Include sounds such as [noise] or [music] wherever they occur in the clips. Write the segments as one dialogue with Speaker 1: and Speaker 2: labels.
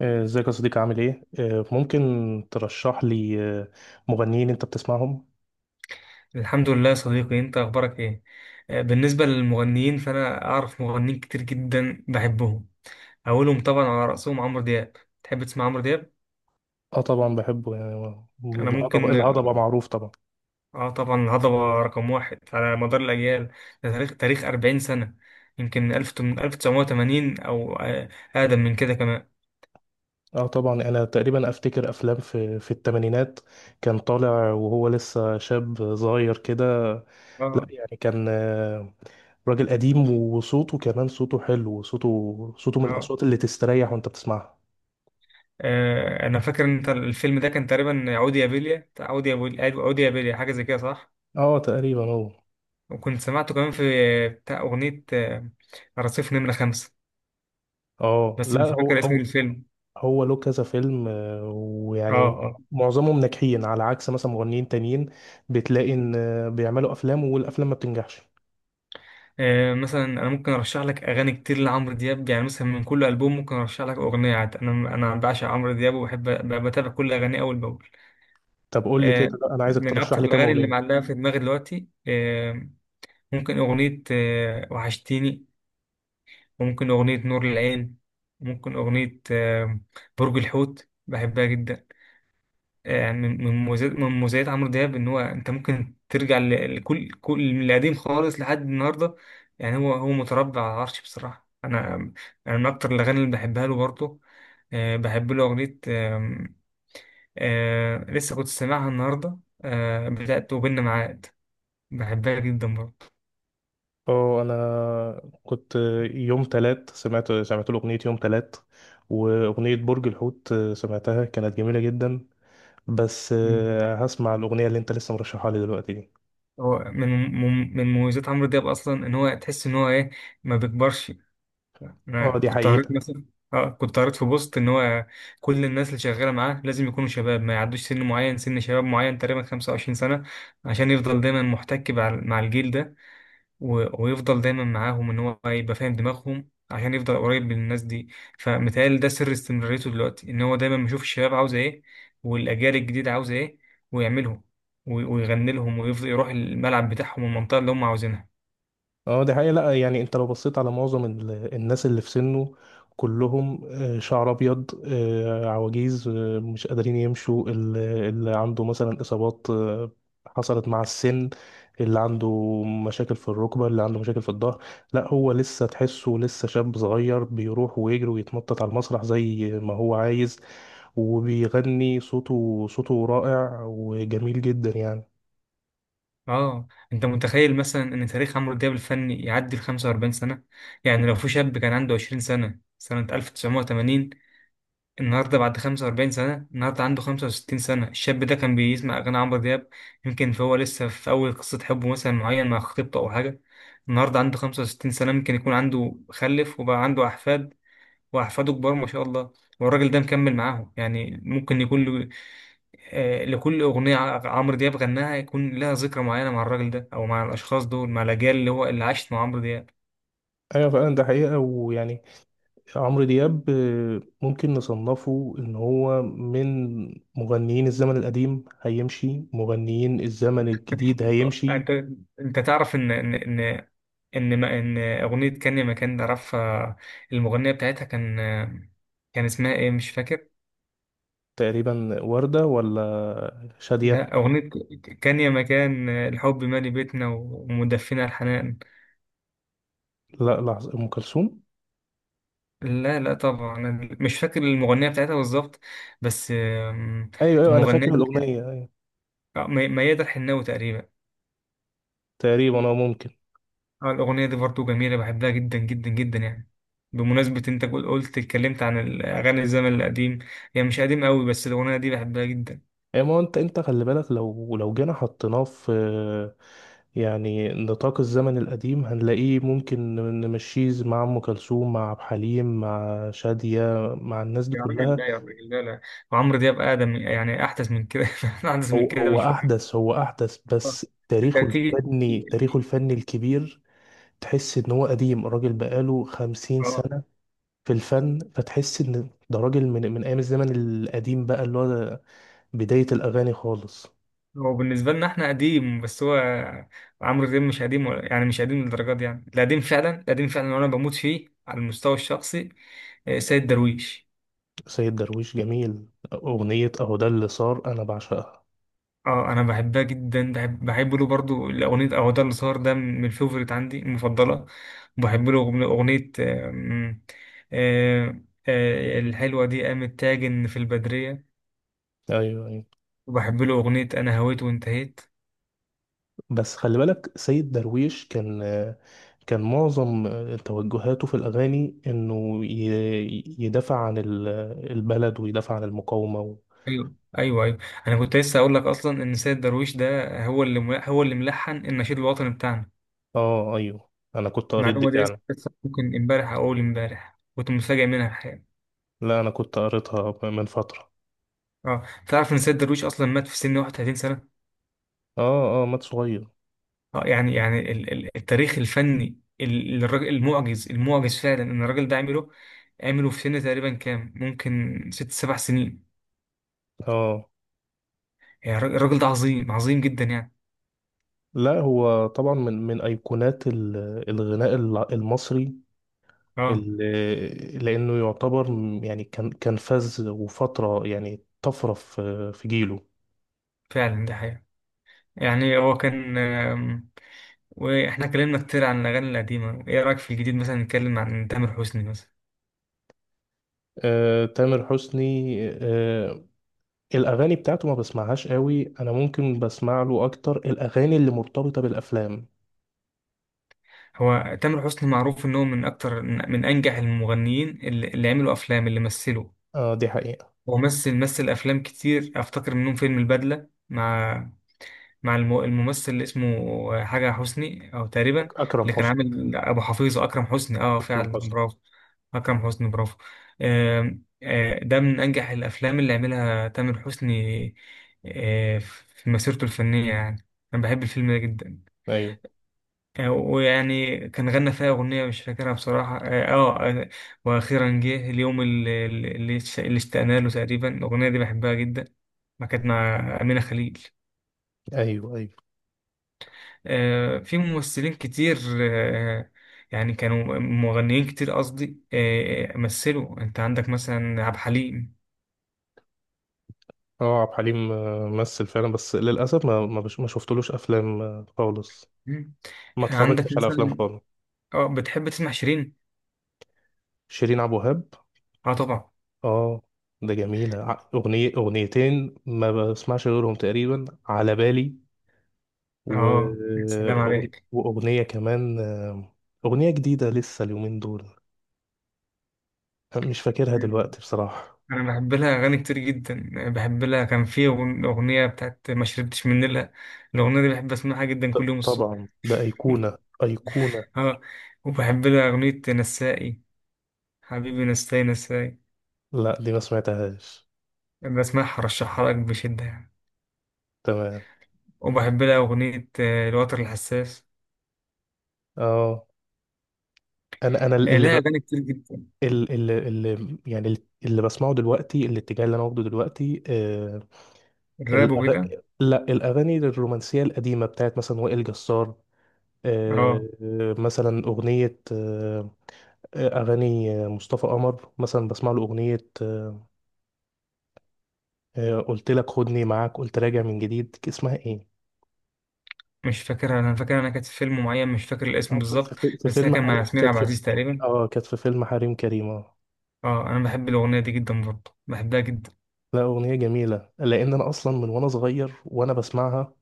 Speaker 1: ازيك يا صديقي عامل ايه؟ ممكن ترشح لي مغنيين انت بتسمعهم؟
Speaker 2: الحمد لله يا صديقي، انت اخبارك ايه؟ بالنسبه للمغنيين فانا اعرف مغنيين كتير جدا بحبهم. اولهم طبعا على راسهم عمرو دياب. تحب تسمع عمرو دياب؟
Speaker 1: اه طبعا بحبه، يعني
Speaker 2: انا
Speaker 1: الهضبة
Speaker 2: ممكن.
Speaker 1: الهضبة معروف طبعا.
Speaker 2: اه طبعا، الهضبه رقم واحد على مدار الاجيال. ده تاريخ 40 سنه. يمكن 1000 من 1980، او اقدم من كده كمان.
Speaker 1: اه طبعا انا تقريبا افتكر افلام في الثمانينات، كان طالع وهو لسه شاب صغير كده.
Speaker 2: اه
Speaker 1: يعني كان راجل قديم، وصوته كمان صوته حلو، وصوته من
Speaker 2: اه،
Speaker 1: الاصوات اللي تستريح وانت بتسمعها.
Speaker 2: انا فاكر ان انت الفيلم ده كان تقريبا عودي يا بيليا، بتاع عودي يا بيليا، أيوة، عودي يا بيليا، حاجه زي كده، صح؟
Speaker 1: اه تقريبا هو.
Speaker 2: وكنت سمعته كمان في بتاع أغنية رصيف نمرة خمسة،
Speaker 1: اه
Speaker 2: بس
Speaker 1: لا،
Speaker 2: مش
Speaker 1: هو
Speaker 2: فاكر اسم
Speaker 1: هو
Speaker 2: الفيلم.
Speaker 1: هو له كذا فيلم،
Speaker 2: اه
Speaker 1: ويعني
Speaker 2: اه،
Speaker 1: معظمهم ناجحين، على عكس مثلا مغنيين تانيين بتلاقي ان بيعملوا افلام والافلام ما بتنجحش.
Speaker 2: مثلا انا ممكن ارشح لك اغاني كتير لعمرو دياب. يعني مثلا من كل البوم ممكن ارشح لك اغنيه. عاد انا بعشق عمرو دياب وبحب بتابع كل اغانيه اول باول.
Speaker 1: طب قول لي كده،
Speaker 2: آه،
Speaker 1: لا، انا عايزك
Speaker 2: من
Speaker 1: ترشح
Speaker 2: اكتر
Speaker 1: لي كام
Speaker 2: الاغاني اللي
Speaker 1: اغنيه.
Speaker 2: معلقه في دماغي دلوقتي، ممكن اغنيه وحشتيني، وممكن اغنيه نور العين، وممكن اغنيه برج الحوت، بحبها جدا. من مميزات عمرو دياب ان هو انت ممكن ترجع لكل من القديم خالص لحد النهارده. يعني هو متربع على العرش بصراحه. انا من اكتر الاغاني اللي بحبها له برضه بحب له اغنيه، لسه كنت سامعها النهارده، بتاعت وبيننا معاد، بحبها جدا برضه.
Speaker 1: اه، انا كنت يوم تلات سمعت له اغنيه يوم تلات، واغنيه برج الحوت سمعتها كانت جميله جدا. بس
Speaker 2: مم.
Speaker 1: هسمع الاغنيه اللي انت لسه مرشحها لي دلوقتي دي.
Speaker 2: هو من مميزات عمرو دياب اصلا ان هو تحس ان هو ايه؟ ما بيكبرش. انا
Speaker 1: اه، دي
Speaker 2: كنت قريت
Speaker 1: حقيقه.
Speaker 2: مثلا، اه كنت قريت في بوست ان هو كل الناس اللي شغاله معاه لازم يكونوا شباب، ما يعدوش سن معين، سن شباب معين تقريبا 25 سنه، عشان يفضل دايما محتك مع الجيل ده، ويفضل دايما معاهم ان هو يبقى فاهم دماغهم عشان يفضل قريب من الناس دي. فمتهيألي ده سر استمراريته دلوقتي، ان هو دايما بيشوف الشباب عاوزه ايه، والاجيال الجديده عاوزه ايه، ويعملهم ويغني لهم، ويفضل يروح الملعب بتاعهم والمنطقه اللي هم عاوزينها.
Speaker 1: اه دي حقيقة، لا يعني انت لو بصيت على معظم الناس اللي في سنه، كلهم شعر ابيض، عواجيز، مش قادرين يمشوا، اللي عنده مثلا اصابات حصلت مع السن، اللي عنده مشاكل في الركبة، اللي عنده مشاكل في الظهر. لا، هو لسه تحسه لسه شاب صغير، بيروح ويجري ويتنطط على المسرح زي ما هو عايز، وبيغني، صوته رائع وجميل جدا يعني.
Speaker 2: اه انت متخيل مثلا ان تاريخ عمرو دياب الفني يعدي ال 45 سنة؟ يعني لو في شاب كان عنده 20 سنة سنة 1980، النهارده بعد 45 سنة، النهارده عنده 65 سنة. الشاب ده كان بيسمع اغاني عمرو دياب يمكن، فهو لسه في اول قصة حب مثلا معين مع خطيبته او حاجة. النهارده عنده 65 سنة، ممكن يكون عنده خلف وبقى عنده احفاد، وأحفاده كبار ما شاء الله، والراجل ده مكمل معاهم. يعني ممكن يكون له، لكل أغنية عمرو دياب غناها، يكون لها ذكرى معينة مع الراجل ده، أو مع الأشخاص دول، مع الأجيال اللي عاشت مع عمرو دياب.
Speaker 1: ايوه فعلا ده حقيقة، ويعني عمرو دياب ممكن نصنفه ان هو من مغنيين الزمن القديم هيمشي، مغنيين الزمن الجديد
Speaker 2: [laughs]
Speaker 1: هيمشي.
Speaker 2: أنت أنت تعرف إن إن إن إن, ما إن أغنية كان يا مكان ده عرفها؟ المغنية بتاعتها، كان اسمها إيه؟ مش فاكر.
Speaker 1: تقريبا وردة ولا شادية.
Speaker 2: لا، أغنية كان يا مكان الحب مالي بيتنا ومدفنا الحنان.
Speaker 1: لا، لحظة، ام كلثوم.
Speaker 2: لا لا طبعا، أنا مش فاكر المغنية بتاعتها بالظبط، بس
Speaker 1: ايوه ايوه، انا
Speaker 2: المغنية
Speaker 1: فاكر
Speaker 2: دي كانت-
Speaker 1: الاغنية، أيوة.
Speaker 2: ميادة الحناوي تقريبا.
Speaker 1: تقريبا، اه ممكن.
Speaker 2: اه الأغنية دي برضو جميلة، بحبها جدا جدا جدا يعني. بمناسبة انت قلت، اتكلمت عن الأغاني الزمن القديم. هي مش قديم قوي، بس الأغنية دي بحبها جدا.
Speaker 1: اي، ما هو انت خلي بالك لو جينا حطيناه في يعني نطاق الزمن القديم، هنلاقيه ممكن نمشيه مع ام كلثوم، مع عبد الحليم، مع شادية، مع الناس دي
Speaker 2: يا راجل
Speaker 1: كلها.
Speaker 2: لا، يا راجل لا لا، وعمرو دياب أقدم يعني أحدث من كده. [laughs] أحدث من
Speaker 1: هو
Speaker 2: كده
Speaker 1: هو
Speaker 2: بشوية.
Speaker 1: احدث، هو احدث، بس تاريخه
Speaker 2: انت تيجي،
Speaker 1: الفني تاريخه الفني الكبير، تحس ان هو قديم. الراجل بقاله خمسين
Speaker 2: اه
Speaker 1: سنة في الفن، فتحس ان ده راجل من ايام الزمن القديم بقى، اللي هو بداية الاغاني خالص.
Speaker 2: هو بالنسبة لنا احنا قديم، بس هو عمرو دياب مش قديم يعني مش قديم للدرجة دي. يعني القديم فعلا، القديم فعلا، وانا بموت فيه على المستوى الشخصي سيد درويش.
Speaker 1: سيد درويش جميل، اغنية اهو ده اللي صار انا بعشقها.
Speaker 2: اه انا بحبها جدا، بحب له برضو الاغنية او ده اللي صار. ده من الفيفوريت عندي، المفضلة. بحب له اغنية آه، الحلوة دي قامت تاجن في البدرية،
Speaker 1: ايوه ايوه.
Speaker 2: وبحب له اغنية انا هويت وانتهيت.
Speaker 1: بس خلي بالك سيد درويش كان معظم توجهاته في الاغاني انه يدافع عن البلد، ويدافع عن المقاومة.
Speaker 2: ايوه ايوه ايوه. انا كنت لسه اقول لك اصلا ان سيد درويش ده هو اللي هو اللي ملحن النشيد الوطني بتاعنا.
Speaker 1: اه ايوه، انا كنت قريت دي
Speaker 2: المعلومه دي لسه
Speaker 1: فعلا.
Speaker 2: لسه ممكن امبارح او اول امبارح كنت متفاجئ منها الحقيقه.
Speaker 1: لا، انا كنت قريتها من فترة.
Speaker 2: اه تعرف ان سيد درويش اصلا مات في سن 31 سنه؟
Speaker 1: اه اه، مات صغير.
Speaker 2: اه يعني التاريخ الفني، الراجل- المعجز المعجز فعلا ان الراجل ده عمله. عمله في سن تقريبا كام؟ ممكن ست سبع سنين.
Speaker 1: اه.
Speaker 2: يعني الراجل الراجل ده عظيم عظيم جدا يعني.
Speaker 1: لا، هو طبعا من ايقونات الغناء المصري،
Speaker 2: اه
Speaker 1: اللي، لانه يعتبر، يعني كان فاز وفترة، يعني طفرة في جيله.
Speaker 2: فعلا ده حقيقه. يعني هو كان، واحنا اتكلمنا كتير عن الاغاني القديمه. ايه رايك في الجديد، مثلا نتكلم عن تامر حسني مثلا.
Speaker 1: آه تامر حسني، آه، الاغاني بتاعته ما بسمعهاش قوي. انا ممكن بسمع له اكتر الاغاني اللي مرتبطة بالافلام.
Speaker 2: هو تامر حسني معروف ان هو من اكتر من انجح المغنيين اللي عملوا افلام، اللي مثلوا.
Speaker 1: اه دي حقيقة.
Speaker 2: هو مثل مثل افلام كتير، افتكر منهم فيلم البدله مع الممثل اللي اسمه حاجة حسني أو تقريبا،
Speaker 1: اكرم
Speaker 2: اللي كان
Speaker 1: حسني.
Speaker 2: عامل أبو حفيظ، أكرم حسني، أه
Speaker 1: اكرم
Speaker 2: فعلا
Speaker 1: حسني.
Speaker 2: برافو. أكرم حسني برافو. ده من أنجح الأفلام اللي عملها تامر حسني في مسيرته الفنية يعني. أنا بحب الفيلم ده جدا.
Speaker 1: ايوه
Speaker 2: ويعني كان غنى فيها أغنية مش فاكرها بصراحة، اه. آه، آه، وأخيرا جه اليوم اللي اشتقنا له تقريبا. الأغنية دي بحبها جدا، ما كانت مع أمينة خليل.
Speaker 1: ايوه ايوه.
Speaker 2: في ممثلين كتير، يعني كانوا مغنيين كتير قصدي، مثلوا. انت عندك مثلا عبد الحليم.
Speaker 1: اه عبد الحليم مثل فعلا، بس للاسف ما شفتلوش افلام خالص.
Speaker 2: مم.
Speaker 1: ما
Speaker 2: عندك
Speaker 1: اتفرجتش على افلام
Speaker 2: مثلا،
Speaker 1: خالص.
Speaker 2: اه بتحب تسمع شيرين؟
Speaker 1: شيرين عبد الوهاب.
Speaker 2: اه طبعا.
Speaker 1: اه، ده جميله، اغنيه اغنيتين ما بسمعش غيرهم تقريبا على بالي. و...
Speaker 2: اه يا سلام عليك.
Speaker 1: واغنيه كمان، اغنيه جديده لسه اليومين دول مش فاكرها
Speaker 2: مم.
Speaker 1: دلوقتي بصراحه.
Speaker 2: انا بحب لها اغاني كتير جدا. بحب لها كان في اغنيه بتاعت ما شربتش من نيلها. الاغنيه دي بحب اسمعها جدا كل يوم الصبح.
Speaker 1: طبعا، ده ايقونه ايقونه.
Speaker 2: اه وبحب لها اغنيه نسائي، حبيبي نسائي نسائي.
Speaker 1: لا دي ما سمعتهاش.
Speaker 2: بسمعها، رشحها لك بشده يعني.
Speaker 1: تمام.
Speaker 2: وبحب لها أغنية الوتر الحساس.
Speaker 1: اه. انا انا اللي
Speaker 2: لها
Speaker 1: ب...
Speaker 2: أغاني كتير جدا.
Speaker 1: ال ال ال يعني اللي بسمعه دلوقتي، الاتجاه اللي انا واخده دلوقتي.
Speaker 2: الراب
Speaker 1: الأغ...
Speaker 2: وكده.
Speaker 1: لا، الاغاني الرومانسيه القديمه، بتاعت مثلا وائل جسار،
Speaker 2: اه
Speaker 1: مثلا اغنيه، اغاني، مصطفى قمر مثلا، بسمع له اغنيه. قلت لك خدني معاك، قلت راجع من جديد، اسمها ايه؟
Speaker 2: مش فاكرها. أنا فاكر أنا كانت في فيلم معين، مش فاكر الاسم
Speaker 1: في
Speaker 2: بالظبط،
Speaker 1: في
Speaker 2: بس هي
Speaker 1: فيلم
Speaker 2: كان مع
Speaker 1: حريم
Speaker 2: ياسمين
Speaker 1: كانت
Speaker 2: عبد
Speaker 1: في.
Speaker 2: العزيز تقريبا.
Speaker 1: اه كانت في فيلم حريم كريم. اه،
Speaker 2: اه أنا بحب الأغنية دي جدا برضه، بحبها جدا.
Speaker 1: لا اغنيه جميله، لان انا اصلا من وانا صغير وانا بسمعها،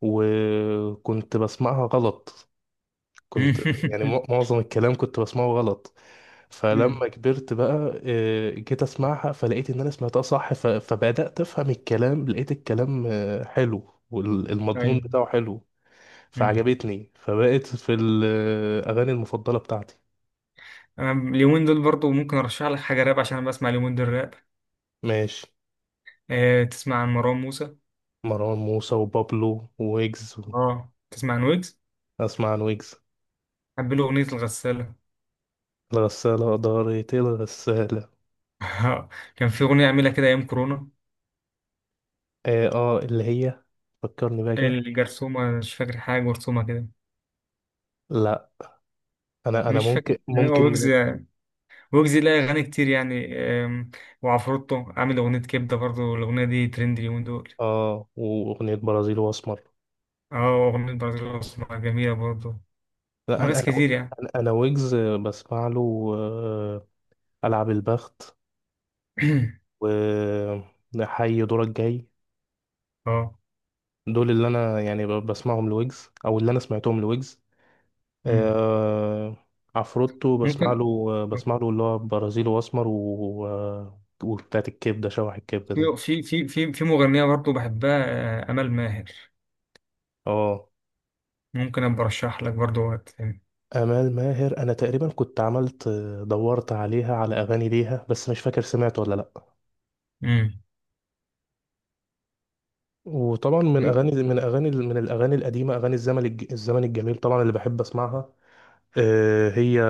Speaker 1: وكنت بسمعها غلط، كنت يعني
Speaker 2: [laughs]
Speaker 1: معظم الكلام كنت بسمعه غلط.
Speaker 2: مم.
Speaker 1: فلما كبرت بقى جيت اسمعها، فلقيت ان انا سمعتها صح، فبدأت افهم الكلام، لقيت الكلام حلو والمضمون
Speaker 2: أيوه.
Speaker 1: بتاعه حلو،
Speaker 2: مم.
Speaker 1: فعجبتني، فبقت في الاغاني المفضلة بتاعتي.
Speaker 2: أنا اليومين دول برضه ممكن أرشح لك حاجة راب، عشان أنا بسمع اليومين دول راب.
Speaker 1: ماشي.
Speaker 2: آه تسمع عن مروان موسى؟
Speaker 1: مروان موسى وبابلو ويجز
Speaker 2: اه تسمع عن ويجز؟
Speaker 1: اسمع عن ويجز.
Speaker 2: بحب له أغنية الغسالة.
Speaker 1: الغسالة دارت الغسالة.
Speaker 2: [laughs] كان في أغنية عاملها كده أيام كورونا،
Speaker 1: اه، اللي هي، فكرني بقى كده.
Speaker 2: الجرثومة. مش فاكر حاجة جرثومة كده.
Speaker 1: لا، انا
Speaker 2: مش فاكر.
Speaker 1: ممكن
Speaker 2: يعني هو
Speaker 1: ممكن من.
Speaker 2: ويجز، ويجز ليه أغاني كتير يعني. أم، وعفروتو عامل أغنية كبدة برضو، الأغنية دي ترند اليومين دول.
Speaker 1: اه، واغنيه برازيل واسمر.
Speaker 2: اه أغنية برازيل الأسمر جميلة برضو.
Speaker 1: لا، انا
Speaker 2: وناس
Speaker 1: انا
Speaker 2: كتير يعني.
Speaker 1: انا أنا ويجز بسمع له العب البخت،
Speaker 2: [clears throat]
Speaker 1: و حي دورك جاي،
Speaker 2: اه.
Speaker 1: دول اللي انا يعني بسمعهم لويجز، او اللي انا سمعتهم لويجز.
Speaker 2: مم.
Speaker 1: آه، عفروتو بسمع
Speaker 2: ممكن
Speaker 1: له بسمع له اللي هو برازيل واسمر وبتاعت الكبده، شوح الكبده
Speaker 2: في
Speaker 1: دي.
Speaker 2: في في في في مغنية برضو بحبها، أمل ماهر.
Speaker 1: اه،
Speaker 2: ممكن أبقى أرشح لك برضو وقت تاني.
Speaker 1: امال ماهر انا تقريبا كنت عملت، دورت عليها على اغاني ليها، بس مش فاكر سمعت ولا لا.
Speaker 2: مم.
Speaker 1: وطبعا من اغاني من اغاني من الاغاني القديمه، اغاني الزمن الزمن الجميل طبعا اللي بحب اسمعها. آه، هي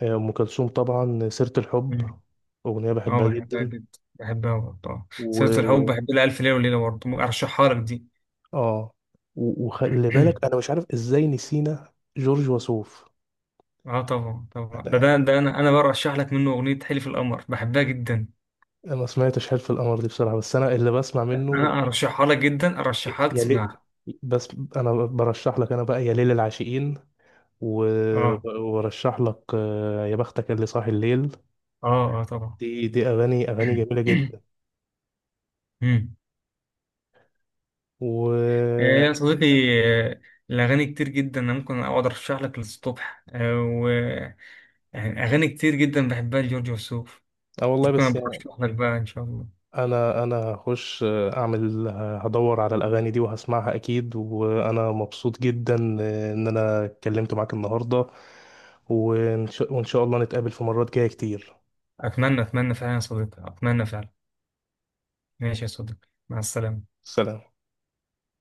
Speaker 1: هي ام كلثوم طبعا، سيره الحب،
Speaker 2: مم.
Speaker 1: اغنيه
Speaker 2: اه
Speaker 1: بحبها
Speaker 2: بحبها
Speaker 1: جدا.
Speaker 2: جدا، بحبها برضو. آه، سيرة الحب.
Speaker 1: و
Speaker 2: بحب لها ألف ليلة وليلة برضو، أرشحها لك دي.
Speaker 1: اه. وخلي بالك،
Speaker 2: [clears throat]
Speaker 1: انا مش عارف ازاي نسينا جورج وسوف.
Speaker 2: اه طبعا طبعا، ده
Speaker 1: انا انا
Speaker 2: ده, ده انا برشح لك منه اغنيه حلف القمر، بحبها جدا.
Speaker 1: أنا ما سمعتش حلف القمر دي بصراحه، بس انا اللي بسمع منه
Speaker 2: انا ارشحها لك جدا، ارشحها لك
Speaker 1: يا ليل.
Speaker 2: تسمعها.
Speaker 1: بس انا برشح لك، انا بقى يا ليل العاشقين، و-
Speaker 2: اه
Speaker 1: وبرشح لك يا بختك اللي صاحي الليل،
Speaker 2: اه اه طبعا.
Speaker 1: دي اغاني اغاني
Speaker 2: [clears throat]
Speaker 1: جميله جدا.
Speaker 2: مم. آه
Speaker 1: و
Speaker 2: يا صديقي، آه، الاغاني كتير جدا، انا ممكن اقعد ارشح لك للصبح آه. واغاني كتير جدا بحبها لجورج وسوف.
Speaker 1: اه والله،
Speaker 2: ممكن
Speaker 1: بس
Speaker 2: أبقى
Speaker 1: يعني
Speaker 2: ارشح لك بقى ان شاء الله.
Speaker 1: انا هخش اعمل، هدور على الاغاني دي وهسمعها اكيد، وانا مبسوط جدا ان انا اتكلمت معاك النهارده، وإن شاء الله نتقابل في مرات جايه كتير.
Speaker 2: اتمنى اتمنى فعلا يا صديقي، اتمنى فعلا. ماشي يا صديقي، مع السلامه.
Speaker 1: سلام.